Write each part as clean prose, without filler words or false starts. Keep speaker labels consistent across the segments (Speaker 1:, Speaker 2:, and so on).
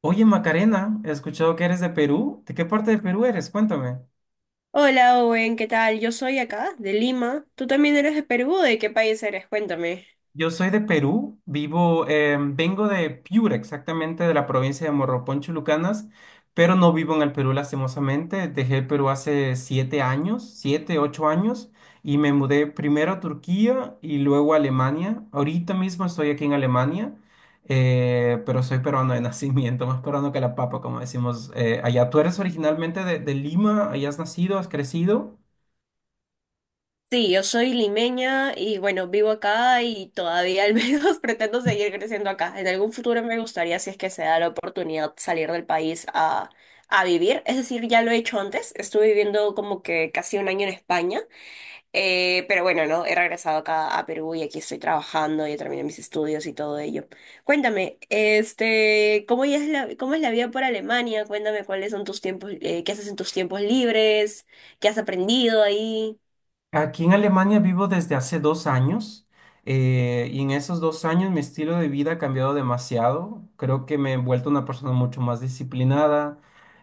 Speaker 1: Oye, Macarena, he escuchado que eres de Perú. ¿De qué parte de Perú eres? Cuéntame.
Speaker 2: Hola Owen, ¿qué tal? Yo soy acá, de Lima. ¿Tú también eres de Perú? ¿De qué país eres? Cuéntame.
Speaker 1: Yo soy de Perú, vivo, vengo de Piura, exactamente de la provincia de Morropón, Chulucanas, pero no vivo en el Perú, lastimosamente. Dejé el Perú hace 7 años, 7, 8 años, y me mudé primero a Turquía y luego a Alemania. Ahorita mismo estoy aquí en Alemania, pero soy peruano de nacimiento, más peruano que la papa, como decimos allá. ¿Tú eres originalmente de Lima? ¿Allá has nacido? ¿Has crecido?
Speaker 2: Sí, yo soy limeña y bueno, vivo acá y todavía al menos pretendo seguir creciendo acá. En algún futuro me gustaría, si es que se da la oportunidad, salir del país a vivir. Es decir, ya lo he hecho antes. Estuve viviendo como que casi un año en España. Pero bueno, ¿no? He regresado acá a Perú y aquí estoy trabajando, ya terminé mis estudios y todo ello. Cuéntame, ¿cómo ya es cómo es la vida por Alemania? Cuéntame cuáles son tus tiempos, qué haces en tus tiempos libres, qué has aprendido ahí.
Speaker 1: Aquí en Alemania vivo desde hace 2 años y en esos 2 años mi estilo de vida ha cambiado demasiado. Creo que me he vuelto una persona mucho más disciplinada,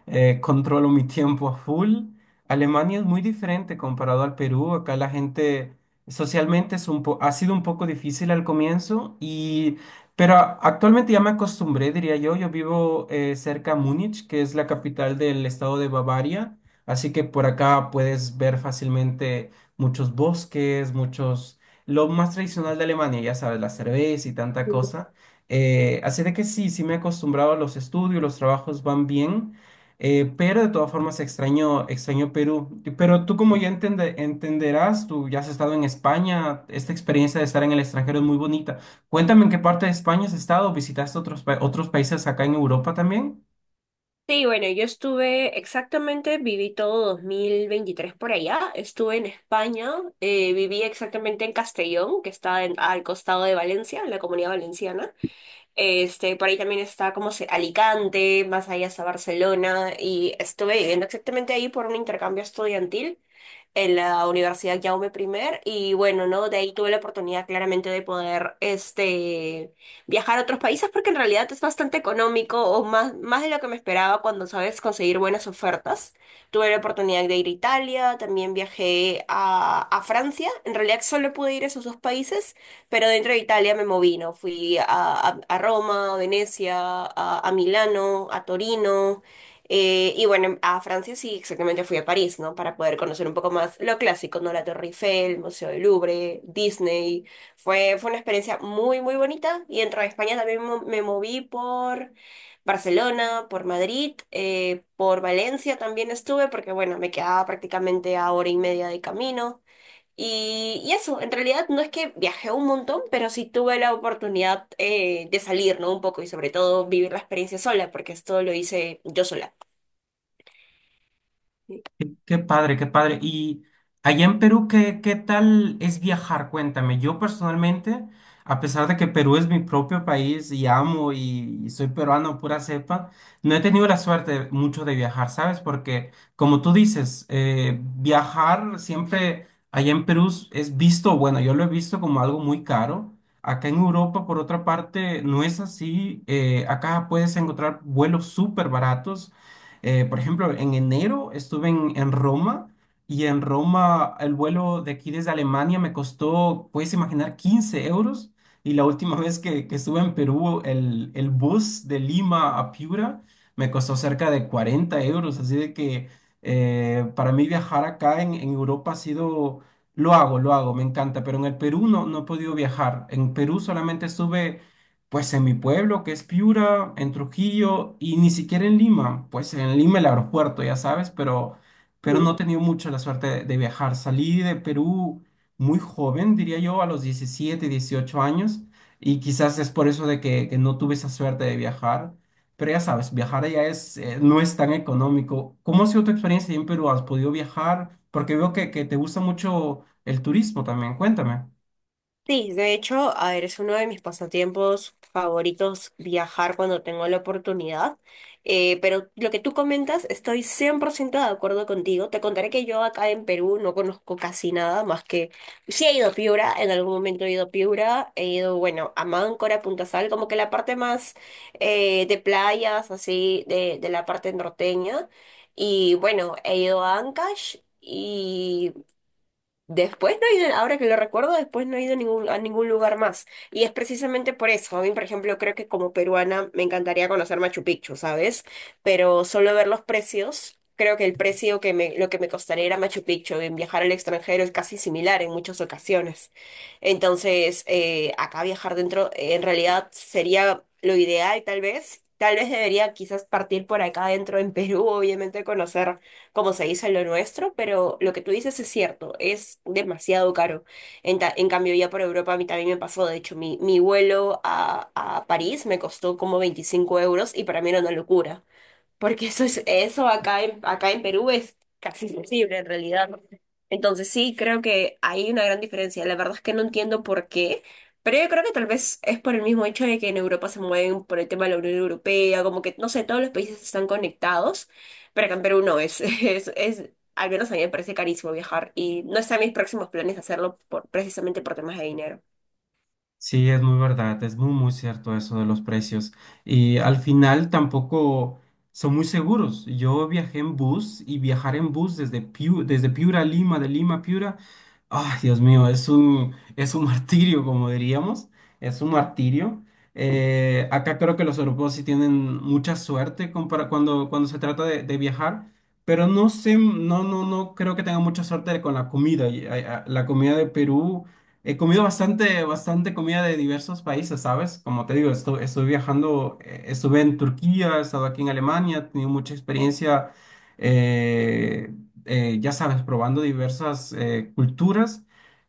Speaker 1: controlo mi tiempo a full. Alemania es muy diferente comparado al Perú. Acá la gente socialmente es ha sido un poco difícil al comienzo, pero actualmente ya me acostumbré, diría yo. Yo vivo cerca a Múnich, que es la capital del estado de Bavaria, así que por acá puedes ver fácilmente muchos bosques, muchos. Lo más tradicional de Alemania, ya sabes, la cerveza y tanta cosa. Así de que sí, sí me he acostumbrado a los estudios, los trabajos van bien, pero de todas formas extraño Perú. Pero tú como ya entenderás, tú ya has estado en España, esta experiencia de estar en el extranjero es muy bonita. Cuéntame en qué parte de España has estado, visitaste otros países acá en Europa también.
Speaker 2: Sí, bueno, yo estuve exactamente, viví todo 2023 por allá, estuve en España, viví exactamente en Castellón, que está al costado de Valencia, en la Comunidad Valenciana. Por ahí también está Alicante, más allá hasta Barcelona, y estuve viviendo exactamente ahí por un intercambio estudiantil en la Universidad Jaume I. Y bueno, ¿no? De ahí tuve la oportunidad claramente de poder viajar a otros países porque en realidad es bastante económico o más, más de lo que me esperaba cuando sabes conseguir buenas ofertas. Tuve la oportunidad de ir a Italia, también viajé a Francia. En realidad solo pude ir a esos dos países, pero dentro de Italia me moví, ¿no? Fui a Roma, a Venecia, a Milano, a Torino. Y bueno, a Francia sí, exactamente fui a París, ¿no? Para poder conocer un poco más lo clásico, ¿no? La Torre Eiffel, Museo del Louvre, Disney. Fue una experiencia muy, muy bonita. Y dentro de España también me moví por Barcelona, por Madrid, por Valencia también estuve, porque bueno, me quedaba prácticamente a hora y media de camino. Y eso, en realidad no es que viajé un montón, pero sí tuve la oportunidad de salir, ¿no? Un poco y sobre todo vivir la experiencia sola, porque esto lo hice yo sola.
Speaker 1: Qué padre, qué padre. Y allá en Perú, ¿qué tal es viajar? Cuéntame. Yo personalmente, a pesar de que Perú es mi propio país y amo y soy peruano pura cepa, no he tenido la suerte mucho de viajar, ¿sabes? Porque como tú dices, viajar siempre allá en Perú es visto, bueno, yo lo he visto como algo muy caro. Acá en Europa, por otra parte, no es así. Acá puedes encontrar vuelos súper baratos por ejemplo, en enero estuve en Roma y en Roma el vuelo de aquí desde Alemania me costó, puedes imaginar, 15 euros. Y la última vez que estuve en Perú, el bus de Lima a Piura me costó cerca de 40 euros. Así de que para mí viajar acá en Europa ha sido, lo hago, me encanta. Pero en el Perú no, no he podido viajar. En Perú solamente estuve pues en mi pueblo, que es Piura, en Trujillo y ni siquiera en Lima. Pues en Lima el aeropuerto, ya sabes, pero no he tenido mucho la suerte de viajar. Salí de Perú muy joven, diría yo, a los 17, 18 años, y quizás es por eso de que no tuve esa suerte de viajar. Pero ya sabes, viajar allá es, no es tan económico. ¿Cómo ha sido tu experiencia ahí en Perú? ¿Has podido viajar? Porque veo que te gusta mucho el turismo también. Cuéntame.
Speaker 2: Sí, de hecho, a ver, es uno de mis pasatiempos favoritos viajar cuando tengo la oportunidad. Pero lo que tú comentas, estoy 100% de acuerdo contigo. Te contaré que yo acá en Perú no conozco casi nada más que... Sí he ido a Piura, en algún momento he ido a Piura, he ido, bueno, a Máncora, a Punta Sal, como que la parte más de playas, así, de la parte norteña. Y bueno, he ido a Ancash. Después no he ido, ahora que lo recuerdo, después no he ido a a ningún lugar más. Y es precisamente por eso. A mí, por ejemplo, creo que como peruana me encantaría conocer Machu Picchu, ¿sabes? Pero solo ver los precios, creo que el precio que lo que me costaría ir a Machu Picchu en viajar al extranjero es casi similar en muchas ocasiones. Entonces, acá viajar dentro, en realidad sería lo ideal, tal vez. Tal vez debería quizás partir por acá dentro en Perú, obviamente conocer como se dice en lo nuestro, pero lo que tú dices es cierto, es demasiado caro. En cambio, ya por Europa a mí también me pasó, de hecho, mi vuelo a París me costó como 25 euros y para mí era una locura porque eso es, eso acá en Perú es casi imposible en realidad. ¿No? Entonces sí, creo que hay una gran diferencia. La verdad es que no entiendo por qué, pero yo creo que tal vez es por el mismo hecho de que en Europa se mueven por el tema de la Unión Europea, como que, no sé, todos los países están conectados, pero acá en Perú no es, es, al menos a mí me parece carísimo viajar y no están mis próximos planes hacerlo por, precisamente por temas de dinero.
Speaker 1: Sí, es muy verdad, es muy, muy cierto eso de los precios. Y al final tampoco son muy seguros. Yo viajé en bus y viajar en bus desde Piura a Lima, de Lima a Piura, ay, Dios mío, es un martirio, como diríamos, es un martirio. Acá creo que los europeos sí tienen mucha suerte cuando se trata de viajar, pero no sé, no, no, no creo que tengan mucha suerte con la comida. Y, la comida de Perú. He comido bastante, bastante comida de diversos países, ¿sabes? Como te digo, estuve viajando, estuve en Turquía, he estado aquí en Alemania, he tenido mucha experiencia, eh, ya sabes, probando diversas culturas,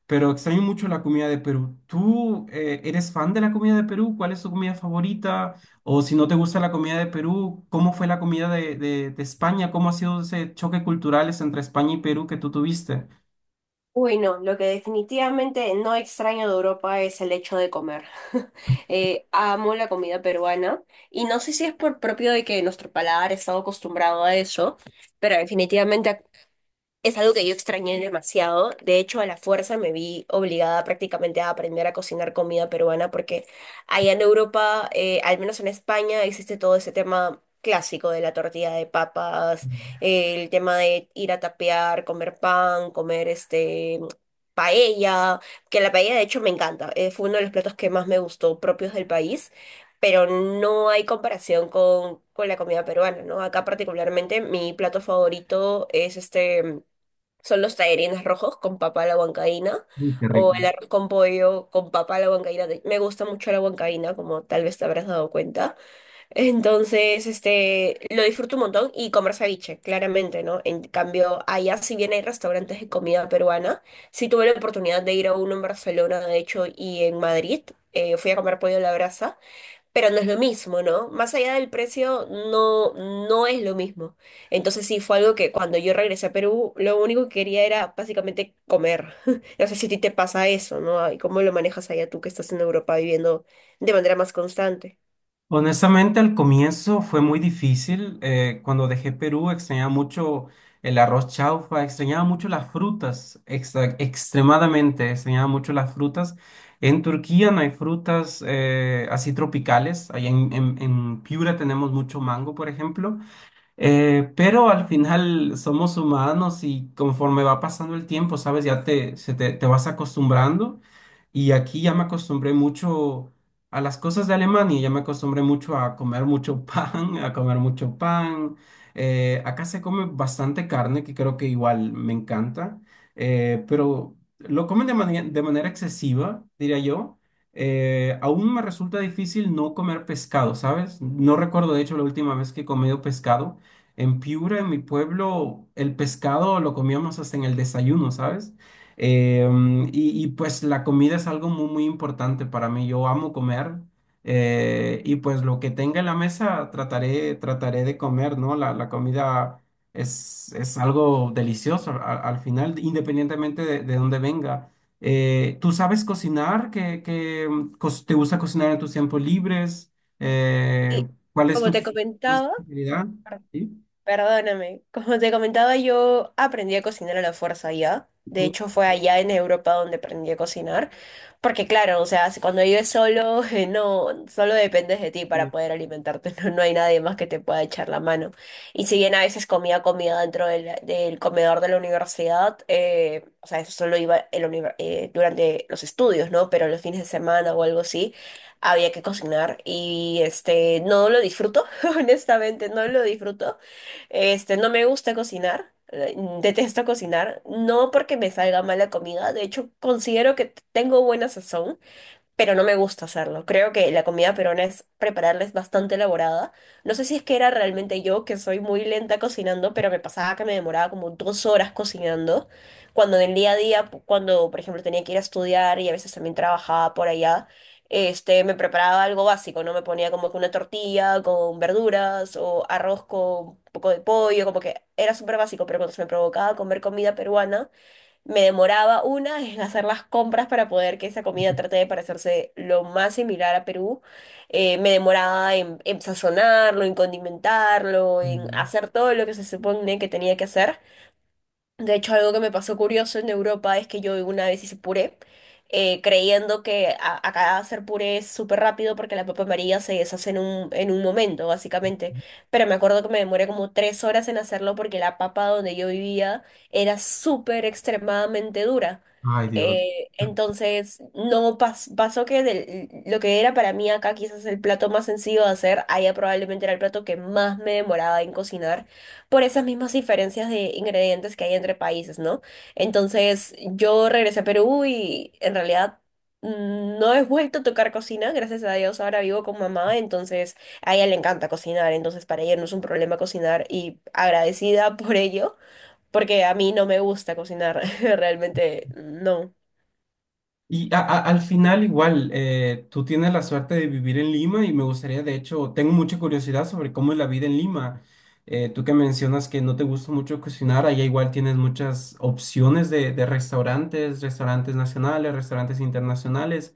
Speaker 1: pero extraño mucho la comida de Perú. ¿Tú eres fan de la comida de Perú? ¿Cuál es tu comida favorita? O si no te gusta la comida de Perú, ¿cómo fue la comida de España? ¿Cómo ha sido ese choque cultural entre España y Perú que tú tuviste?
Speaker 2: Uy, no, lo que definitivamente no extraño de Europa es el hecho de comer. Amo la comida peruana y no sé si es por propio de que nuestro paladar está acostumbrado a eso, pero definitivamente es algo que yo extrañé demasiado. De hecho, a la fuerza me vi obligada prácticamente a aprender a cocinar comida peruana porque allá en Europa, al menos en España, existe todo ese tema clásico de la tortilla de papas,
Speaker 1: Mm,
Speaker 2: el tema de ir a tapear, comer pan, comer paella, que la paella de hecho me encanta. Fue uno de los platos que más me gustó propios del país. Pero no hay comparación con la comida peruana, ¿no? Acá particularmente mi plato favorito es este son los tallarines rojos con papa a la huancaína
Speaker 1: uy, qué
Speaker 2: o
Speaker 1: rico.
Speaker 2: el arroz con pollo con papa a la huancaína. Me gusta mucho la huancaína, como tal vez te habrás dado cuenta. Entonces, lo disfruto un montón y comer ceviche, claramente, ¿no? En cambio, allá si bien hay restaurantes de comida peruana, sí tuve la oportunidad de ir a uno en Barcelona, de hecho, y en Madrid. Fui a comer pollo a la brasa. Pero no es lo mismo, ¿no? Más allá del precio, no, no es lo mismo. Entonces sí fue algo que cuando yo regresé a Perú, lo único que quería era básicamente comer. No sé si a ti te pasa eso, ¿no? ¿Y cómo lo manejas allá tú que estás en Europa viviendo de manera más constante?
Speaker 1: Honestamente, al comienzo fue muy difícil. Cuando dejé Perú, extrañaba mucho el arroz chaufa, extrañaba mucho las frutas, extremadamente extrañaba mucho las frutas. En Turquía no hay frutas así tropicales. Allá en Piura tenemos mucho mango, por ejemplo. Pero al final somos humanos y conforme va pasando el tiempo, sabes, te vas acostumbrando. Y aquí ya me acostumbré mucho a las cosas de Alemania, ya me acostumbré mucho a comer mucho pan, a comer mucho pan. Acá se come bastante carne, que creo que igual me encanta, pero lo comen de manera excesiva, diría yo. Aún me resulta difícil no comer pescado, ¿sabes? No recuerdo, de hecho, la última vez que he comido pescado. En Piura, en mi pueblo, el pescado lo comíamos hasta en el desayuno, ¿sabes? Pues la comida es algo muy, muy importante para mí. Yo amo comer y pues lo que tenga en la mesa trataré de comer, ¿no? La comida es algo delicioso al final, independientemente de dónde venga. ¿Tú sabes cocinar? ¿Te gusta cocinar en tus tiempos libres? Eh,
Speaker 2: Sí,
Speaker 1: ¿cuál es
Speaker 2: como
Speaker 1: tu
Speaker 2: te
Speaker 1: cuál es tu
Speaker 2: comentaba.
Speaker 1: especialidad? ¿Sí?
Speaker 2: Perdóname, como te comentaba, yo aprendí a cocinar a la fuerza allá. De hecho, fue allá en Europa donde aprendí a cocinar. Porque claro, o sea, cuando vives solo, no, solo dependes de ti para
Speaker 1: Uy.
Speaker 2: poder alimentarte. No, no hay nadie más que te pueda echar la mano. Y si bien a veces comía comida dentro del comedor de la universidad, o sea, eso solo iba en la durante los estudios, ¿no? Pero los fines de semana o algo así había que cocinar y este no lo disfruto, honestamente no lo disfruto, este, no me gusta cocinar, detesto cocinar, no porque me salga mala comida, de hecho considero que tengo buena sazón, pero no me gusta hacerlo. Creo que la comida peruana es prepararla es bastante elaborada. No sé si es que era realmente yo que soy muy lenta cocinando, pero me pasaba que me demoraba como 2 horas cocinando, cuando en el día a día, cuando por ejemplo tenía que ir a estudiar y a veces también trabajaba por allá. Me preparaba algo básico, ¿no? Me ponía como que una tortilla con verduras o arroz con un poco de pollo, como que era súper básico, pero cuando se me provocaba comer comida peruana, me demoraba una en hacer las compras para poder que esa comida trate de parecerse lo más similar a Perú. Me demoraba en sazonarlo, en condimentarlo, en hacer todo lo que se supone que tenía que hacer. De hecho, algo que me pasó curioso en Europa es que yo una vez hice puré, creyendo que acá hacer puré es súper rápido porque la papa amarilla se deshace en en un momento, básicamente. Pero me acuerdo que me demoré como 3 horas en hacerlo porque la papa donde yo vivía era súper extremadamente dura.
Speaker 1: Ay, Dios.
Speaker 2: Entonces, no pas- pasó que lo que era para mí acá quizás el plato más sencillo de hacer, allá probablemente era el plato que más me demoraba en cocinar por esas mismas diferencias de ingredientes que hay entre países, ¿no? Entonces, yo regresé a Perú y en realidad no he vuelto a tocar cocina, gracias a Dios, ahora vivo con mamá, entonces a ella le encanta cocinar, entonces para ella no es un problema cocinar y agradecida por ello, porque a mí no me gusta cocinar, realmente no.
Speaker 1: Y al final igual, tú tienes la suerte de vivir en Lima y me gustaría, de hecho, tengo mucha curiosidad sobre cómo es la vida en Lima. Tú que mencionas que no te gusta mucho cocinar, allá igual tienes muchas opciones de restaurantes, restaurantes nacionales, restaurantes internacionales.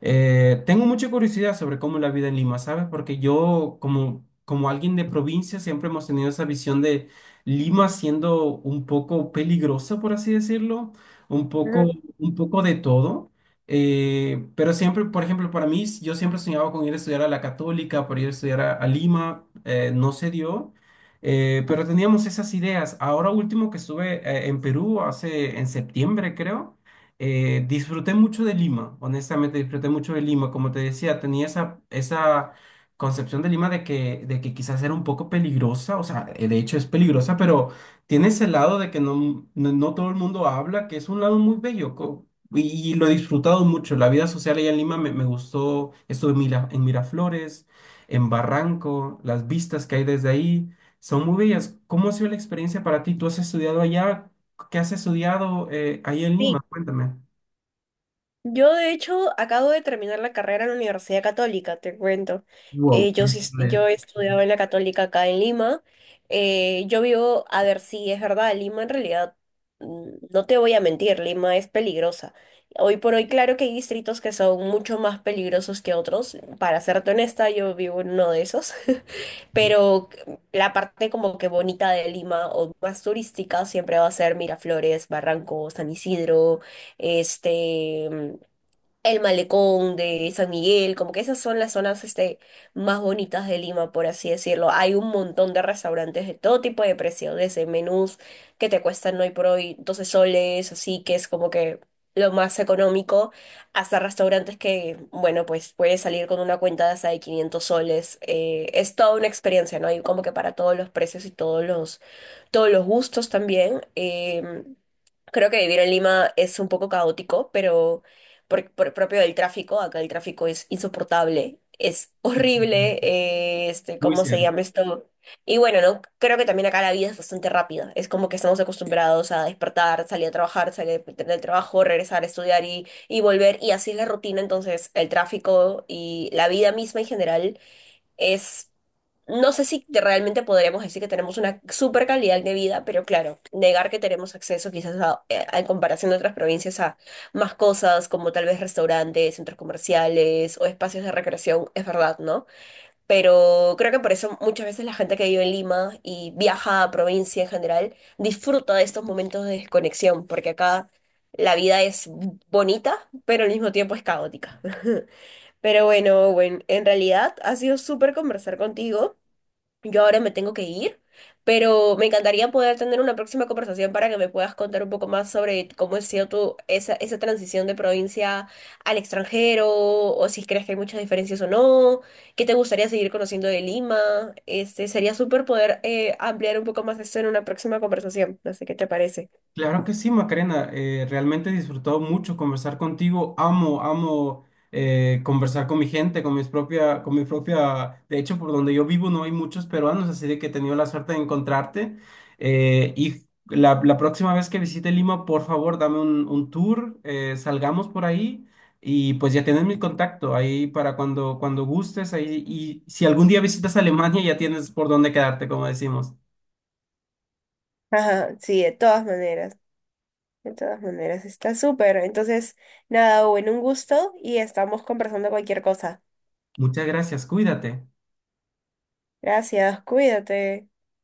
Speaker 1: Tengo mucha curiosidad sobre cómo es la vida en Lima, ¿sabes? Porque yo, como alguien de provincia, siempre hemos tenido esa visión de Lima siendo un poco peligrosa, por así decirlo, un poco,
Speaker 2: Ujú.
Speaker 1: un poco de todo. Pero siempre, por ejemplo, para mí, yo siempre soñaba con ir a estudiar a la Católica, por ir a estudiar a Lima, no se dio. Pero teníamos esas ideas. Ahora último que estuve en Perú, hace en septiembre, creo. Disfruté mucho de Lima, honestamente disfruté mucho de Lima. Como te decía, tenía esa concepción de Lima de que quizás era un poco peligrosa, o sea, de hecho es peligrosa, pero tiene ese lado de que no, no, no todo el mundo habla, que es un lado muy bello y, y lo he disfrutado mucho. La vida social allá en Lima me gustó, estuve en Miraflores, en Barranco, las vistas que hay desde ahí son muy bellas. ¿Cómo ha sido la experiencia para ti? ¿Tú has estudiado allá? ¿Qué has estudiado ahí en Lima?
Speaker 2: Sí,
Speaker 1: Cuéntame.
Speaker 2: yo, de hecho, acabo de terminar la carrera en la Universidad Católica, te cuento.
Speaker 1: Wow.
Speaker 2: Yo he estudiado en la Católica acá en Lima. A ver, si es verdad, Lima en realidad, mm, no te voy a mentir, Lima es peligrosa. Hoy por hoy, claro que hay distritos que son mucho más peligrosos que otros. Para serte honesta, yo vivo en uno de esos. Pero la parte como que bonita de Lima o más turística siempre va a ser Miraflores, Barranco, San Isidro, este el Malecón de San Miguel, como que esas son las zonas más bonitas de Lima, por así decirlo. Hay un montón de restaurantes de todo tipo de precio, desde menús que te cuestan hoy por hoy 12 soles, así que es como que lo más económico, hasta restaurantes que, bueno, pues puedes salir con una cuenta de hasta de 500 soles. Es toda una experiencia, ¿no? Hay como que para todos los precios y todos todos los gustos también. Creo que vivir en Lima es un poco caótico, pero por propio del tráfico. Acá el tráfico es insoportable, es horrible,
Speaker 1: Muy
Speaker 2: ¿cómo se
Speaker 1: cierto.
Speaker 2: llama esto? Y bueno, ¿no? Creo que también acá la vida es bastante rápida. Es como que estamos acostumbrados a despertar, salir a trabajar, salir del trabajo, regresar a estudiar y volver. Y así es la rutina. Entonces, el tráfico y la vida misma en general es, no sé si te- realmente podríamos decir que tenemos una super calidad de vida, pero claro, negar que tenemos acceso quizás en comparación de otras provincias a más cosas como tal vez restaurantes, centros comerciales o espacios de recreación, es verdad, ¿no? Pero creo que por eso muchas veces la gente que vive en Lima y viaja a provincia en general disfruta de estos momentos de desconexión, porque acá la vida es bonita, pero al mismo tiempo es caótica. Pero bueno, Owen, en realidad ha sido súper conversar contigo. Yo ahora me tengo que ir, pero me encantaría poder tener una próxima conversación para que me puedas contar un poco más sobre cómo ha sido tu, esa transición de provincia al extranjero, o si crees que hay muchas diferencias o no, qué te gustaría seguir conociendo de Lima. Este, sería súper poder ampliar un poco más eso en una próxima conversación. No sé qué te parece.
Speaker 1: Claro que sí, Macarena. Realmente he disfrutado mucho conversar contigo. Amo, amo conversar con mi gente, con mis propia, con mi propia. De hecho, por donde yo vivo no hay muchos peruanos, así de que he tenido la suerte de encontrarte. Y la próxima vez que visite Lima, por favor, dame un tour, salgamos por ahí y pues ya tienes mi contacto ahí para cuando gustes. Ahí, y si algún día visitas Alemania, ya tienes por dónde quedarte, como decimos.
Speaker 2: Ajá, sí, de todas maneras. De todas maneras, está súper. Entonces, nada, bueno, un gusto y estamos conversando cualquier cosa.
Speaker 1: Muchas gracias, cuídate.
Speaker 2: Gracias, cuídate.